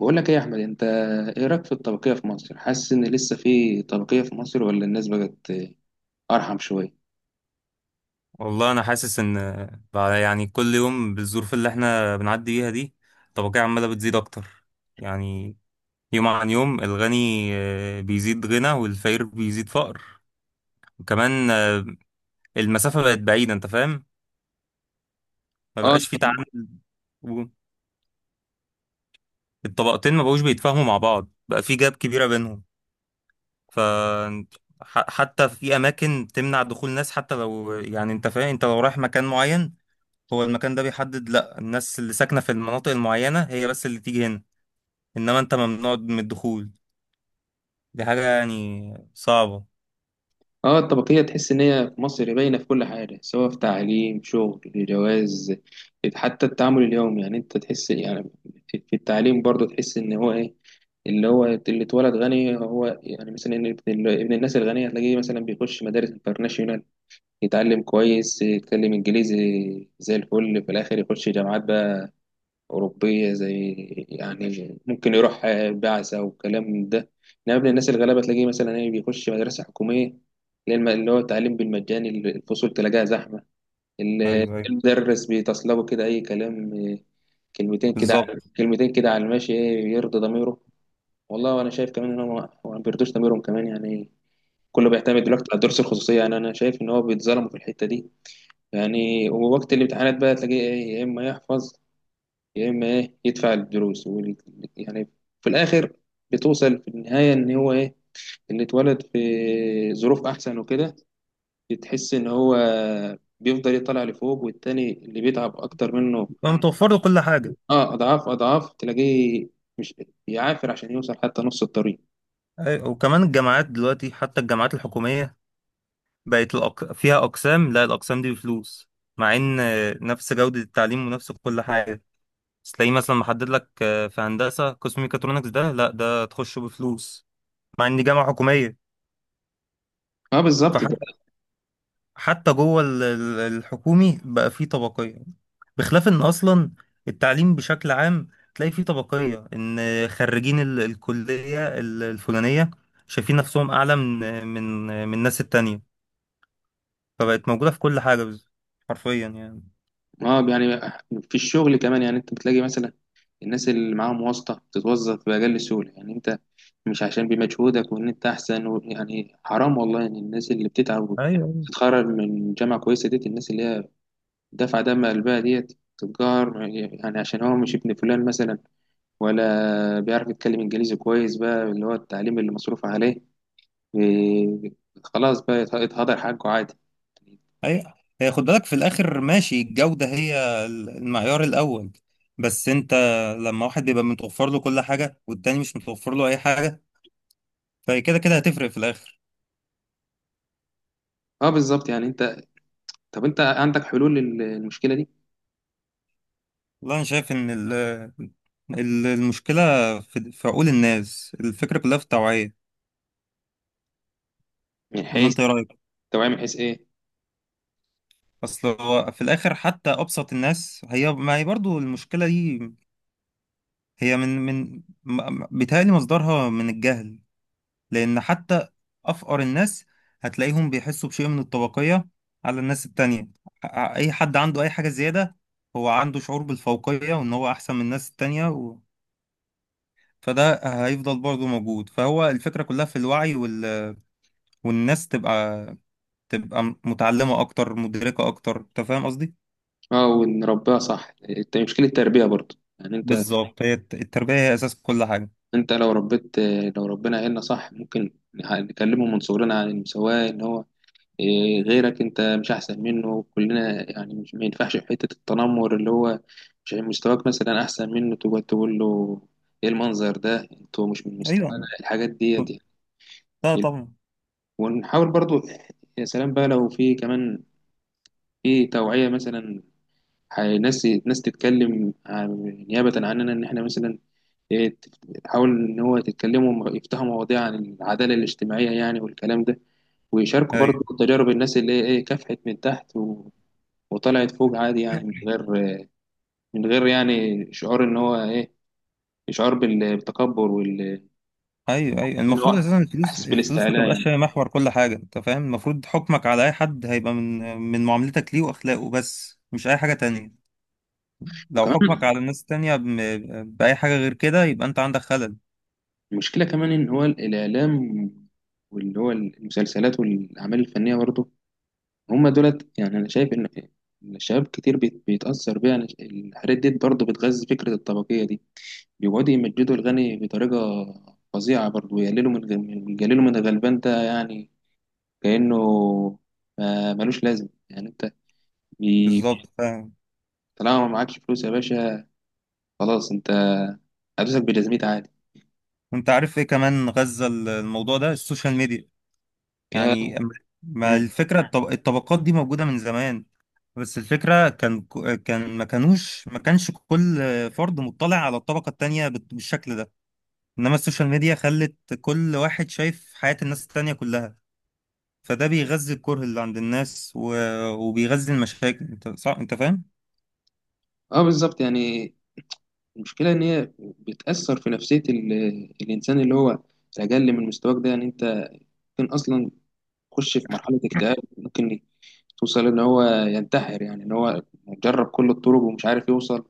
بقول لك ايه يا احمد انت؟ ايه رايك في الطبقيه في مصر؟ حاسس ان لسه في طبقيه في مصر ولا الناس بقت ارحم شويه؟ والله انا حاسس ان بعد يعني كل يوم بالظروف اللي احنا بنعدي بيها دي، الطبقية عمالة بتزيد اكتر. يعني يوم عن يوم الغني بيزيد غنى، والفقير بيزيد فقر. وكمان المسافة بقت بعيدة، انت فاهم. ما اه. بقاش في تعامل. و- الطبقتين ما بقوش بيتفاهموا مع بعض، بقى في جاب كبيرة بينهم. ف حتى في اماكن تمنع دخول ناس، حتى لو يعني انت فاهم، انت لو رايح مكان معين هو المكان ده بيحدد، لا الناس اللي ساكنة في المناطق المعينة هي بس اللي تيجي هنا، انما انت ممنوع من الدخول. دي حاجة يعني صعبة. اه، الطبقيه تحس ان هي في مصر باينه في كل حاجه، سواء في تعليم، شغل، جواز، حتى التعامل اليومي، يعني انت تحس، يعني في التعليم برضه تحس ان هو ايه، اللي هو اللي اتولد غني، هو يعني مثلا إن ابن الناس الغنيه تلاقيه مثلا بيخش مدارس انترناشونال، يتعلم كويس، يتكلم انجليزي زي الفل، في الاخر يخش جامعات بقى أوروبية، زي يعني ممكن يروح بعثة وكلام من ده. إنما ابن الناس الغلابة تلاقيه مثلا إيه بيخش مدرسة حكومية، اللي هي اللي هو التعليم بالمجاني، الفصول تلاقيها زحمة، ايوه، ايوه، المدرس بيتصلبه كده أي كلام كلمتين كده على بالظبط. كلمتين كده على الماشي، إيه يرضي ضميره. والله وأنا شايف كمان إن هو، ما هو ما بيرضوش ضميرهم كمان يعني، كله بيعتمد دلوقتي على الدروس الخصوصية، يعني أنا شايف إن هو بيتظلموا في الحتة دي يعني. ووقت الامتحانات بقى تلاقيه إيه، يا إما يحفظ يا اما ايه يدفع الدروس يعني، في الاخر بتوصل في النهايه ان هو ايه، اللي اتولد في ظروف احسن وكده بتحس ان هو بيفضل يطلع لفوق، والتاني اللي بيتعب اكتر منه بقى متوفر له كل حاجة. اه، اضعاف اضعاف تلاقيه مش بيعافر عشان يوصل حتى نص الطريق. أيوة. وكمان الجامعات دلوقتي، حتى الجامعات الحكومية بقت فيها أقسام، لا الأقسام دي بفلوس، مع إن نفس جودة التعليم ونفس كل حاجة. بس تلاقيه مثلا محدد لك في هندسة قسم ميكاترونكس ده، لا ده تخشه بفلوس، مع إن دي جامعة حكومية. اه بالظبط. فحتى جوه الحكومي بقى فيه طبقية. بخلاف ان اصلا التعليم بشكل عام تلاقي فيه طبقية، ان خريجين الكلية الفلانية شايفين نفسهم اعلى من الناس التانية. فبقت موجودة في كل حاجة، حرفيا يعني. اه يعني في الشغل كمان، يعني انت بتلاقي مثلا الناس اللي معاهم واسطة بتتوظف بأقل سهولة، يعني انت مش عشان بمجهودك وان انت احسن و... يعني حرام والله ان الناس اللي بتتعب ايوه، وتتخرج من جامعة كويسة ديت، الناس اللي هي دافعة دم قلبها ديت تتجار، يعني عشان هو مش ابن فلان مثلا، ولا بيعرف يتكلم انجليزي كويس، بقى اللي هو التعليم اللي مصروف عليه و- خلاص بقى يتهدر حقه عادي. ايوه. هي خد بالك، في الاخر ماشي الجودة هي المعيار الاول. بس انت لما واحد بيبقى متوفر له كل حاجة والتاني مش متوفر له اي حاجة، فكده كده هتفرق في الاخر. اه بالظبط، يعني انت، طب انت عندك حلول للمشكلة دي؟ والله أنا شايف إن المشكلة في عقول الناس، الفكرة كلها في التوعية. من ولا حيث؟ أنت إيه رأيك؟ توعية من حيث ايه؟ أصل هو في الآخر حتى أبسط الناس هي، ما هي برضو المشكلة دي هي بيتهيألي مصدرها من الجهل. لأن حتى أفقر الناس هتلاقيهم بيحسوا بشيء من الطبقية على الناس التانية. أي حد عنده أي حاجة زيادة هو عنده شعور بالفوقية وإن هو أحسن من الناس التانية فده هيفضل برضه موجود. فهو الفكرة كلها في الوعي، والناس تبقى متعلمة أكتر، مدركة أكتر، أنت فاهم قصدي؟ اه، ونربيها صح، مشكلة التربية برضو، يعني انت، بالظبط. هي التربية هي أساس كل حاجة. انت لو ربيت، لو ربنا عيلنا صح ممكن نكلمه من صغرنا عن المساواة، ان هو إيه، غيرك انت مش احسن منه، كلنا يعني، مش ما ينفعش في حتة التنمر، اللي هو مش يعني مستواك مثلا احسن منه تقعد تقول له ايه المنظر ده، انتوا مش من مستوانا، أيوه. الحاجات ديت يعني. لا طبعا. ونحاول برضو، يا سلام بقى لو في كمان في توعية مثلا، ناس تتكلم نيابة عننا، إن إحنا مثلا إيه، تحاول إن هو تتكلموا يفتحوا مواضيع عن العدالة الاجتماعية يعني والكلام ده، ويشاركوا برضه أيوه، تجارب الناس اللي هي إيه كافحت من تحت وطلعت فوق عادي، يعني من غير، من غير يعني شعور إن هو إيه، شعور بالتكبر وال، أيوه، أيوه. إن المفروض هو أساسا الفلوس، أحس الفلوس ما بالاستعلاء يعني. تبقاش هي محور كل حاجة، أنت فاهم؟ المفروض حكمك على أي حد هيبقى من معاملتك ليه وأخلاقه بس، مش أي حاجة تانية. لو حكمك وكمان على الناس التانية بأي حاجة غير كده يبقى أنت عندك خلل. المشكلة كمان إن هو الإعلام، واللي هو المسلسلات والأعمال الفنية برضه، هما دولت يعني أنا شايف إن، إن الشباب كتير بيتأثر بيها، يعني الحاجات ديت برضه بتغذي فكرة الطبقية دي، بيقعدوا يمجدوا الغني بطريقة فظيعة برضه، ويقللوا من يقللوا من الغلبان ده، يعني كأنه ملوش لازم، يعني أنت بي- بالظبط، بي- فاهم. طالما ما معكش فلوس يا باشا خلاص أنت هتوسك بجزمتي عادي. وأنت عارف إيه كمان غزة الموضوع ده السوشيال ميديا يا- يعني ما مم. الفكرة الطبقات دي موجودة من زمان، بس الفكرة كان ما كانش كل فرد مطلع على الطبقة التانية بالشكل ده. إنما السوشيال ميديا خلت كل واحد شايف حياة الناس التانية كلها، فده بيغذي الكره اللي عند الناس وبيغذي المشاكل، انت صح انت فاهم. اه بالظبط يعني المشكلة إن هي بتأثر في نفسية الإنسان اللي هو الأقل من مستواك ده، يعني أنت ممكن أصلا يخش في مرحلة اكتئاب، ممكن توصل إن هو ينتحر، يعني إن هو جرب كل الطرق ومش عارف يوصل،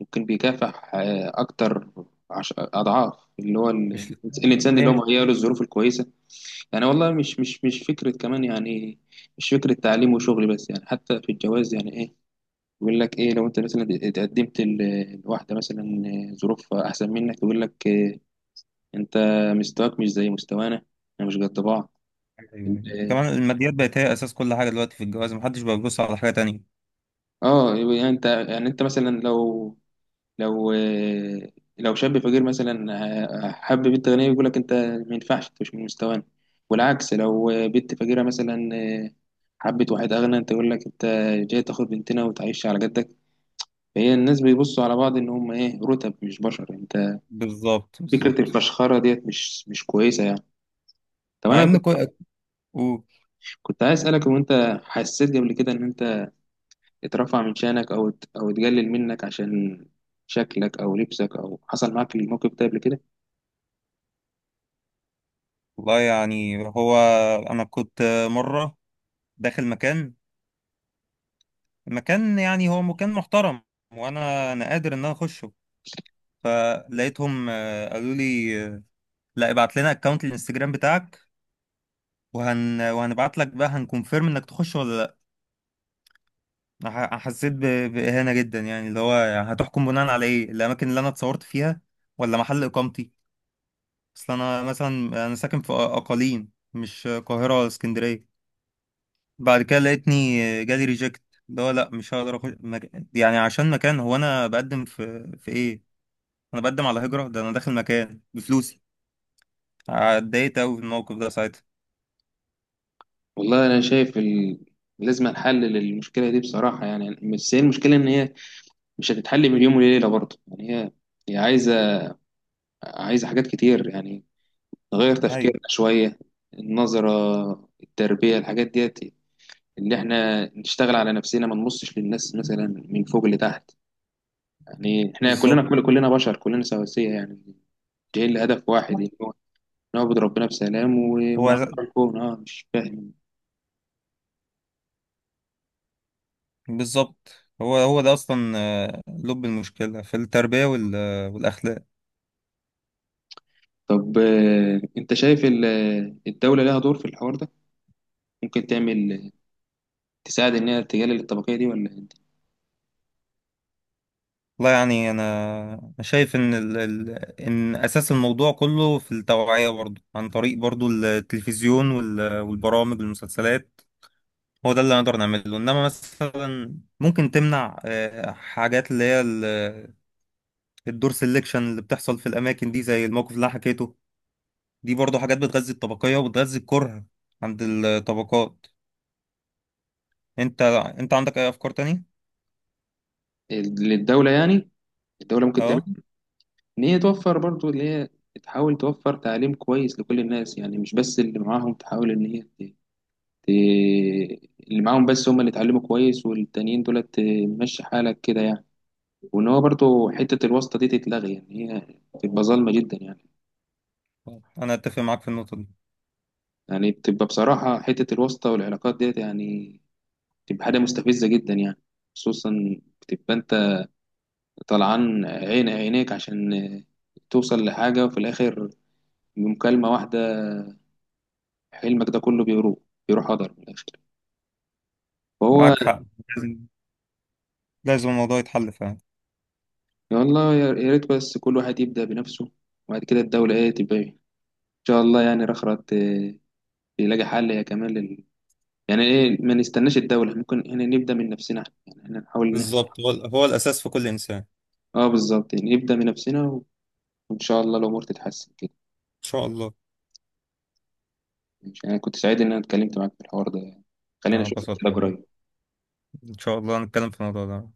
ممكن بيكافح أكتر أضعاف اللي هو ال... مش الإنسان هي اللي هو مش... مهيأ له الظروف الكويسة. يعني والله مش فكرة كمان يعني، مش فكرة تعليم وشغل بس يعني، حتى في الجواز يعني إيه، يقول لك إيه لو أنت مثلا اتقدمت لواحدة مثلا ظروف أحسن منك، يقول لك آه، أنت مستواك مش زي مستوانا، إحنا مش قد بعض. يعني كمان الماديات بقت هي اساس كل حاجة دلوقتي في الجواز، محدش بقى بيبص على حاجة تانية. اه يعني انت، يعني انت مثلا لو، لو آه، لو شاب فقير مثلا آه، حب بنت غنيه يقول لك انت ما ينفعش انت مش من مستوانا، والعكس لو آه، بنت فقيره مثلا آه، حبت واحد اغنى، انت يقول لك انت جاي تاخد بنتنا وتعيش على جدك. فهي الناس بيبصوا على بعض ان هم ايه رتب مش بشر انت، بالظبط، فكره بالظبط. الفشخره ديت مش كويسه يعني. طب مع انا ان كنت كل... كنت عايز اسالك، هو انت حسيت قبل كده ان انت اترفع من شأنك أو أو اتقلل منك عشان شكلك أو لبسك، أو حصل معاك الموقف ده قبل كده؟ والله يعني هو انا كنت مره داخل مكان، يعني هو مكان محترم، وانا قادر ان انا اخشه. فلقيتهم قالوا لي لا، ابعت لنا اكونت الانستجرام بتاعك وهنبعت لك بقى هنكونفيرم انك تخش ولا لا. أنا حسيت باهانه جدا، يعني اللي هو يعني هتحكم بناء على ايه؟ الاماكن اللي انا اتصورت فيها ولا محل اقامتي؟ اصل انا مثلا انا ساكن في اقاليم، مش قاهره ولا اسكندريه. بعد كده لقيتني جالي ريجكت، اللي هو لا مش هقدر اخش يعني عشان مكان، هو انا بقدم في ايه؟ انا بقدم على هجرة؟ ده انا داخل مكان بفلوسي. اتضايقت قوي في الموقف ده ساعتها. والله أنا شايف ال... لازم نحلل المشكلة دي بصراحة، يعني بس هي المشكلة إن هي مش هتتحل من يوم وليلة برضه، يعني هي عايزة، عايزة حاجات كتير يعني، نغير ايوه، تفكيرنا شوية، النظرة، التربية، الحاجات ديت، اللي احنا نشتغل على نفسنا، ما نبصش للناس مثلا من فوق لتحت، يعني احنا بالظبط. كلنا، كلنا بشر، كلنا سواسية، يعني جايين لهدف واحد، نعبد ربنا بسلام هو ونعمر ز- الكون. اه مش فاهم. بالظبط، هو ده اصلا لب المشكله في التربيه والاخلاق. طب آه، انت شايف الدولة لها دور في الحوار ده؟ ممكن تعمل تساعد ان هي تقلل الطبقية دي؟ ولا انت-؟ والله يعني انا، أنا شايف ان اساس الموضوع كله في التوعيه برضه، عن طريق برضه التلفزيون والبرامج والمسلسلات. هو ده اللي نقدر نعمله. انما مثلا ممكن تمنع حاجات اللي هي الدور سيلكشن اللي بتحصل في الاماكن دي، زي الموقف اللي أنا حكيته. دي برضو حاجات بتغذي الطبقية وبتغذي الكره عند الطبقات. انت عندك اي افكار تانية؟ للدولة يعني، الدولة ممكن تعمل، اه. ان هي توفر برضو اللي هي، تحاول توفر تعليم كويس لكل الناس، يعني مش بس اللي معاهم، تحاول ان هي ت- اللي معاهم بس هم اللي اتعلموا كويس، والتانيين دولت آه، مشي حالك كده يعني. وان هو برضو حتة الواسطة دي تتلغي، يعني هي تبقى ظالمة جدا يعني. انا اتفق معاك في النقطة دي. يعني بتبقى بصراحة حتة الواسطة والعلاقات ديت يعني، بتبقى حاجة مستفزة جدا يعني، خصوصا بتبقى أنت طلعان عين عينيك عشان توصل لحاجة، وفي الآخر بمكالمة واحدة حلمك ده كله بيروح، هدر من الآخر، فهو. معاك حق. لازم، لازم الموضوع يتحل فعلا. والله يا ريت بس كل واحد يبدأ بنفسه، وبعد كده الدولة إيه تبقى إيه. إن شاء الله يعني رخرت يلاقي حل، يا كمان لل... يعني إيه، ما نستناش الدولة، ممكن إحنا نبدأ من نفسنا، يعني إحنا نحاول إن إحنا، بالظبط، هو الأساس في كل إنسان. إن آه بالظبط يعني نبدأ من نفسنا، وإن شاء الله الأمور تتحسن كده. شاء الله. أنا كنت سعيد إن أنا اتكلمت معاك في الحوار ده يعني. خلينا انا أشوفك كده اتبسطت والله. قريب. ان شاء الله هنتكلم في الموضوع ده.